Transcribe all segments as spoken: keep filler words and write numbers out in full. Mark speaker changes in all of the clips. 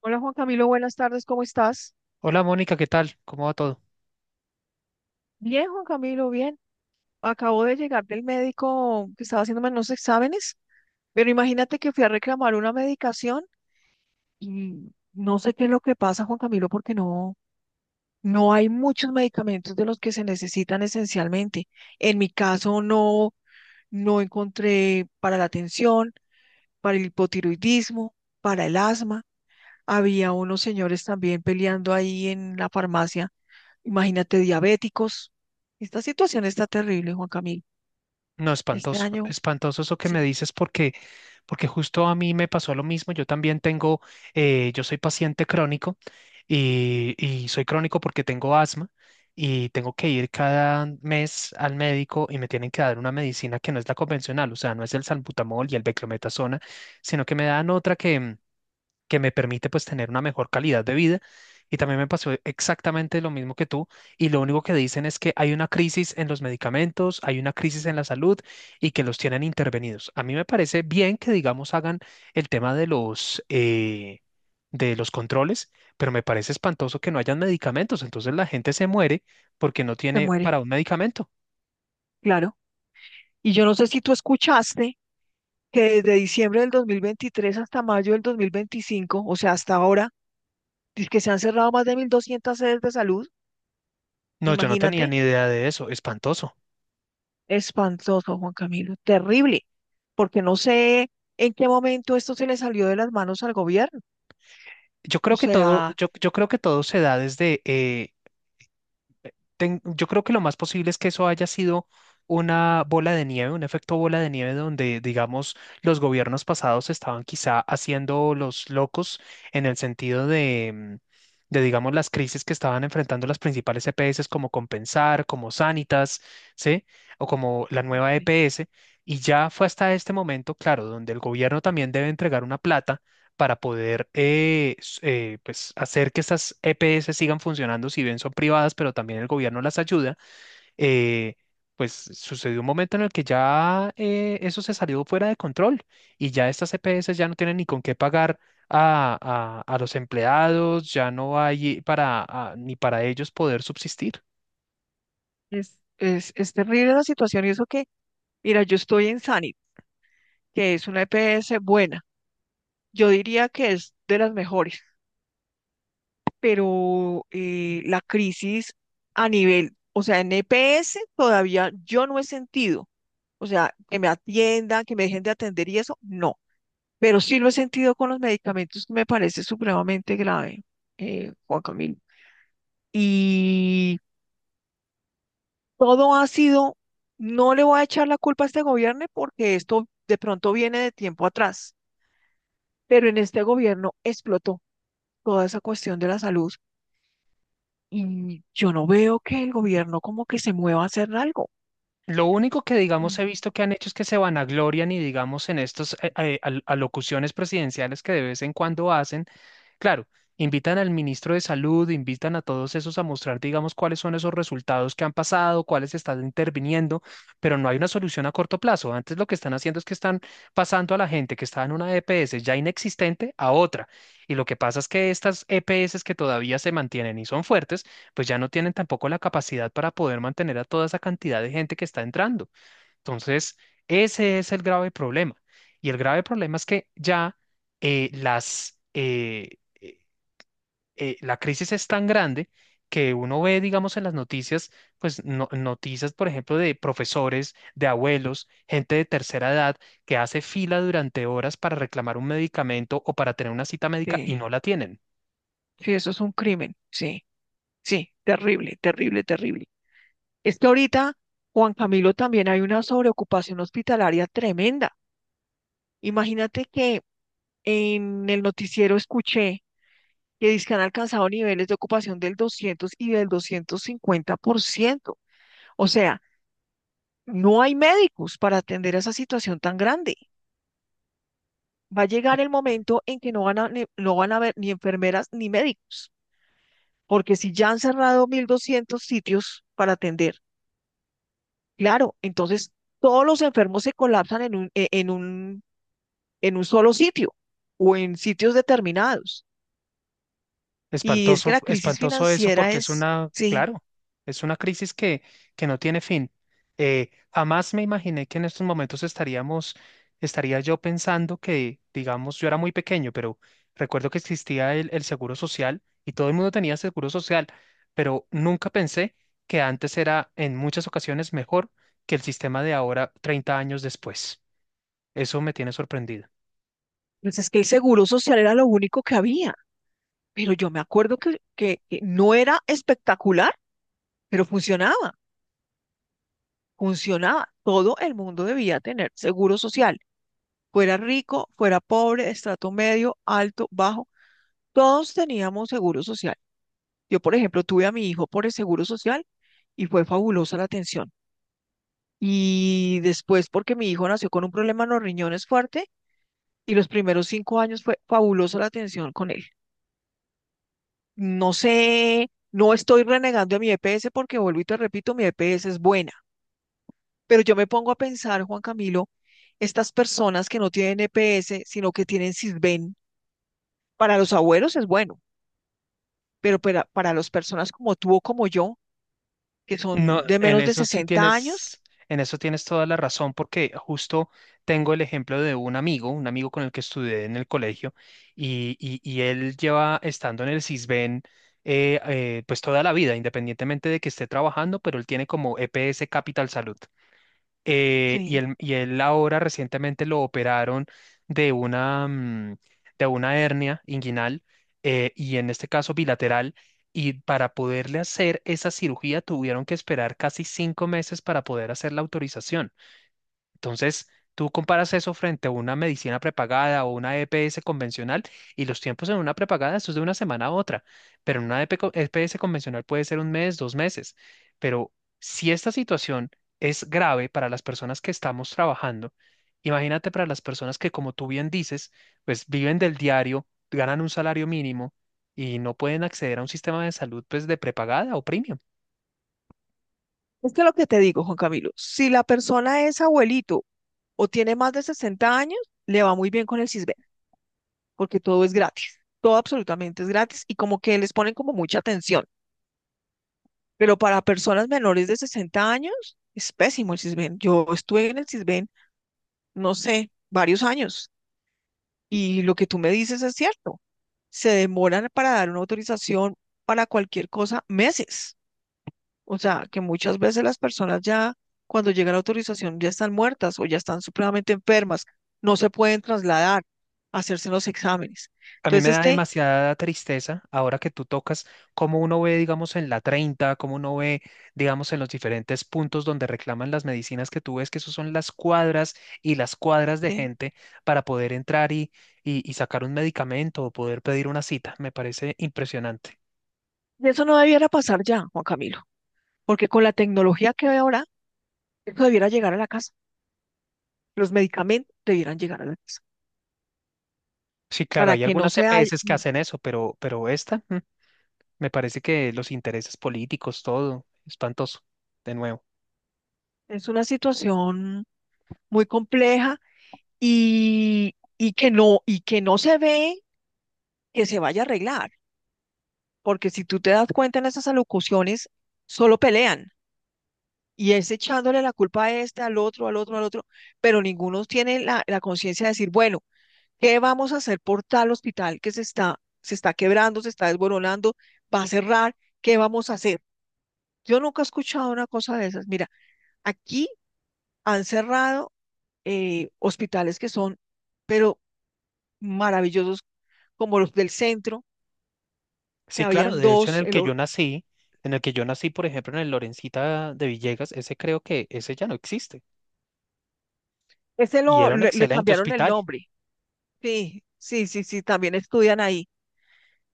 Speaker 1: Hola Juan Camilo, buenas tardes, ¿cómo estás?
Speaker 2: Hola Mónica, ¿qué tal? ¿Cómo va todo?
Speaker 1: Bien, Juan Camilo, bien. Acabo de llegar del médico que estaba haciéndome unos exámenes, pero imagínate que fui a reclamar una medicación y no sé qué es lo que pasa, Juan Camilo, porque no, no hay muchos medicamentos de los que se necesitan esencialmente. En mi caso no, no encontré para la tensión, para el hipotiroidismo, para el asma. Había unos señores también peleando ahí en la farmacia. Imagínate, diabéticos. Esta situación está terrible, Juan Camilo.
Speaker 2: No,
Speaker 1: Este
Speaker 2: espantoso,
Speaker 1: año,
Speaker 2: espantoso eso que me
Speaker 1: sí,
Speaker 2: dices porque, porque justo a mí me pasó lo mismo. Yo también tengo. Eh, yo soy paciente crónico y, y soy crónico porque tengo asma y tengo que ir cada mes al médico y me tienen que dar una medicina que no es la convencional, o sea, no es el salbutamol y el beclometasona, sino que, me dan otra que, que me permite pues tener una mejor calidad de vida. Y también me pasó exactamente lo mismo que tú. Y lo único que dicen es que hay una crisis en los medicamentos, hay una crisis en la salud y que los tienen intervenidos. A mí me parece bien que, digamos, hagan el tema de los, eh, de los controles, pero me parece espantoso que no hayan medicamentos. Entonces la gente se muere porque no
Speaker 1: se
Speaker 2: tiene
Speaker 1: muere,
Speaker 2: para un medicamento.
Speaker 1: claro. Y yo no sé si tú escuchaste que desde diciembre del dos mil veintitrés hasta mayo del dos mil veinticinco, o sea, hasta ahora, dice que se han cerrado más de mil doscientas sedes de salud.
Speaker 2: No, yo no tenía
Speaker 1: Imagínate,
Speaker 2: ni idea de eso. Espantoso.
Speaker 1: espantoso, Juan Camilo, terrible, porque no sé en qué momento esto se le salió de las manos al gobierno.
Speaker 2: Yo
Speaker 1: O
Speaker 2: creo que todo.
Speaker 1: sea.
Speaker 2: Yo, yo creo que todo se da desde eh, ten- yo creo que lo más posible es que eso haya sido una bola de nieve, un efecto bola de nieve donde, digamos, los gobiernos pasados estaban quizá haciendo los locos en el sentido de, mm, de, digamos, las crisis que estaban enfrentando las principales E P S como Compensar, como Sanitas, ¿sí? O como la nueva
Speaker 1: Sí.
Speaker 2: E P S. Y ya fue hasta este momento, claro, donde el gobierno también debe entregar una plata para poder eh, s- eh, pues hacer que estas E P S sigan funcionando, si bien son privadas, pero también el gobierno las ayuda. eh, pues sucedió un momento en el que ya eh, eso se salió fuera de control y ya estas E P S ya no tienen ni con qué pagar a, a- a los empleados, ya no hay para, a- ni para ellos poder subsistir.
Speaker 1: es, es, es terrible la situación y eso que, mira, yo estoy en Sanit que es una E P S buena. Yo diría que es de las mejores, pero eh, la crisis a nivel, o sea, en E P S todavía yo no he sentido, o sea, que me atiendan, que me dejen de atender y eso, no, pero sí lo he sentido con los medicamentos que me parece supremamente grave, eh, Juan Camilo. Y todo ha sido, no le voy a echar la culpa a este gobierno porque esto de pronto viene de tiempo atrás, pero en este gobierno explotó toda esa cuestión de la salud. Y yo no veo que el gobierno como que se mueva a hacer algo.
Speaker 2: Lo único que, digamos, he
Speaker 1: Mm.
Speaker 2: visto que han hecho es que se vanaglorian y, digamos, en estas alocuciones presidenciales que de vez en cuando hacen, claro, invitan al ministro de Salud, invitan a todos esos a mostrar, digamos, cuáles son esos resultados que han pasado, cuáles están interviniendo, pero no hay una solución a corto plazo. Antes lo que están haciendo es que están pasando a la gente que está en una E P S ya inexistente a otra. Y lo que pasa es que estas E P S que todavía se mantienen y son fuertes, pues ya no tienen tampoco la capacidad para poder mantener a toda esa cantidad de gente que está entrando. Entonces, ese es el grave problema. Y el grave problema es que ya eh, las, eh, eh, eh, la crisis es tan grande que uno ve, digamos, en las noticias, pues no- noticias, por ejemplo, de profesores, de abuelos, gente de tercera edad que hace fila durante horas para reclamar un medicamento o para tener una cita médica y
Speaker 1: Sí,
Speaker 2: no la tienen.
Speaker 1: sí, eso es un crimen. Sí, sí, terrible, terrible, terrible. Es que ahorita, Juan Camilo, también hay una sobreocupación hospitalaria tremenda. Imagínate que en el noticiero escuché que dizque han alcanzado niveles de ocupación del doscientos y del doscientos cincuenta por ciento. O sea, no hay médicos para atender esa situación tan grande. Va a llegar el momento en que no van a, ni- no van a haber ni enfermeras ni médicos, porque si ya han cerrado mil doscientos sitios para atender, claro, entonces todos los enfermos se colapsan en un, e- en un, en un solo sitio o en sitios determinados. Y es que
Speaker 2: Espantoso,
Speaker 1: la crisis
Speaker 2: espantoso eso
Speaker 1: financiera
Speaker 2: porque es
Speaker 1: es,
Speaker 2: una.
Speaker 1: sí,
Speaker 2: Claro, es una crisis que, que no tiene fin. Eh, jamás me imaginé que en estos momentos estaríamos, estaría yo pensando que, digamos, yo era muy pequeño, pero recuerdo que existía el, el seguro social y todo el mundo tenía seguro social, pero nunca pensé que antes era en muchas ocasiones mejor que el sistema de ahora, treinta años después. Eso me tiene sorprendido.
Speaker 1: pues es que el seguro social era lo único que había, pero yo me acuerdo que, que que no era espectacular, pero funcionaba, funcionaba. Todo el mundo debía tener seguro social. Fuera rico, fuera pobre, estrato medio, alto, bajo, todos teníamos seguro social. Yo, por ejemplo, tuve a mi hijo por el seguro social y fue fabulosa la atención. Y después, porque mi hijo nació con un problema en los riñones fuerte y los primeros cinco años fue fabulosa la atención con él. No sé, no estoy renegando a mi E P S porque vuelvo y te repito, mi E P S es buena. Pero yo me pongo a pensar, Juan Camilo, estas personas que no tienen E P S, sino que tienen Sisbén, para los abuelos es bueno, pero para, para las personas como tú o como yo, que
Speaker 2: No,
Speaker 1: son de
Speaker 2: en
Speaker 1: menos de
Speaker 2: eso sí
Speaker 1: sesenta años,
Speaker 2: tienes, en eso tienes toda la razón, porque justo tengo el ejemplo de un amigo, un amigo con el que estudié en el colegio, y, y- y él lleva estando en el Sisbén eh, eh, pues toda la vida, independientemente de que esté trabajando, pero él tiene como E P S Capital Salud. Eh, y
Speaker 1: sí.
Speaker 2: él, y él ahora recientemente lo operaron de una, mm, de una hernia inguinal eh, y en este caso bilateral. Y para poderle hacer esa cirugía tuvieron que esperar casi cinco meses para poder hacer la autorización. Entonces, tú comparas eso frente a una medicina prepagada o una E P S convencional y los tiempos en una prepagada, eso es de una semana a otra, pero en una EP co- E P S convencional puede ser un mes, dos meses. Pero si esta situación es grave para las personas que estamos trabajando, imagínate para las personas que, como tú bien dices, pues viven del diario, ganan un salario mínimo y no pueden acceder a un sistema de salud pues de prepagada o premium.
Speaker 1: Es que lo que te digo, Juan Camilo, si la persona es abuelito o tiene más de sesenta años, le va muy bien con el CISBEN, porque todo es gratis, todo absolutamente es gratis y como que les ponen como mucha atención. Pero para personas menores de sesenta años, es pésimo el CISBEN. Yo estuve en el CISBEN, no sé, varios años y lo que tú me dices es cierto. Se demoran para dar una autorización para cualquier cosa meses. O sea, que muchas veces las personas ya, cuando llega la autorización, ya están muertas o ya están supremamente enfermas, no se pueden trasladar a hacerse los exámenes.
Speaker 2: A mí
Speaker 1: Entonces,
Speaker 2: me da
Speaker 1: este,
Speaker 2: demasiada tristeza ahora que tú tocas cómo uno ve, digamos, en la treinta, cómo uno ve, digamos, en los diferentes puntos donde reclaman las medicinas que tú ves, que eso son las cuadras y las cuadras de
Speaker 1: sí,
Speaker 2: gente para poder entrar y, y, y sacar un medicamento o poder pedir una cita. Me parece impresionante.
Speaker 1: eso no debiera pasar ya, Juan Camilo, porque con la tecnología que hay ahora, eso debiera llegar a la casa, los medicamentos debieran llegar a la casa,
Speaker 2: Sí, claro,
Speaker 1: para
Speaker 2: hay
Speaker 1: que no
Speaker 2: algunas
Speaker 1: sea,
Speaker 2: E P S que hacen eso, pero, pero esta, mm, me parece que los intereses políticos, todo, espantoso, de nuevo.
Speaker 1: es una situación muy compleja y, y que no, y que no se ve que se vaya a arreglar porque si tú te das cuenta en esas alocuciones, solo pelean y es echándole la culpa a este, al otro, al otro, al otro, pero ninguno tiene la, la conciencia de decir, bueno, ¿qué vamos a hacer por tal hospital que se está, se está quebrando, se está desboronando, va a cerrar? ¿Qué vamos a hacer? Yo nunca he escuchado una cosa de esas. Mira, aquí han cerrado eh, hospitales que son, pero maravillosos, como los del centro, que
Speaker 2: Sí, claro,
Speaker 1: habían
Speaker 2: de hecho en
Speaker 1: dos,
Speaker 2: el
Speaker 1: el,
Speaker 2: que yo nací, en el que yo nací, por ejemplo, en el Lorencita de Villegas, ese creo que ese ya no existe
Speaker 1: ese
Speaker 2: y
Speaker 1: lo,
Speaker 2: era un
Speaker 1: le le
Speaker 2: excelente
Speaker 1: cambiaron el
Speaker 2: hospital.
Speaker 1: nombre. Sí, sí, sí, sí, también estudian ahí.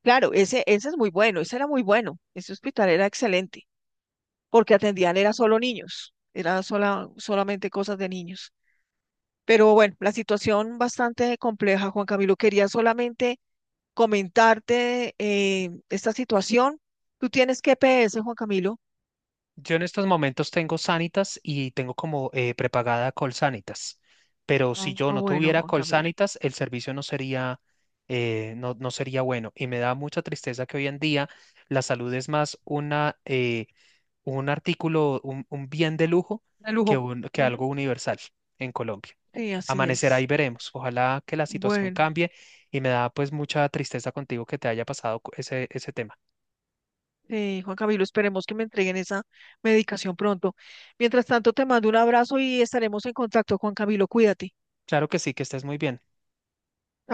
Speaker 1: Claro, ese, ese es muy bueno, ese era muy bueno, ese hospital era excelente, porque atendían era solo niños, era sola, solamente cosas de niños. Pero bueno, la situación bastante compleja, Juan Camilo, quería solamente comentarte eh, esta situación. Tú tienes G P S, Juan Camilo.
Speaker 2: Yo en estos momentos tengo Sanitas y tengo como eh, prepagada Colsanitas, pero
Speaker 1: Ah,
Speaker 2: si yo no
Speaker 1: bueno,
Speaker 2: tuviera
Speaker 1: Juan Camilo.
Speaker 2: Colsanitas, el servicio no sería, eh, no, no sería bueno y me da mucha tristeza que hoy en día la salud es más una, eh, un artículo, un, un bien de lujo
Speaker 1: De
Speaker 2: que,
Speaker 1: lujo.
Speaker 2: un- que
Speaker 1: Ujú,
Speaker 2: algo universal en Colombia.
Speaker 1: sí, así
Speaker 2: Amanecerá
Speaker 1: es.
Speaker 2: y veremos. Ojalá que la situación
Speaker 1: Bueno.
Speaker 2: cambie y me da pues mucha tristeza contigo que te haya pasado cu- ese, ese tema.
Speaker 1: Eh, Juan Camilo, esperemos que me entreguen esa medicación pronto. Mientras tanto, te mando un abrazo y estaremos en contacto, Juan Camilo, cuídate.
Speaker 2: Claro que sí, que estés muy bien.
Speaker 1: Chao.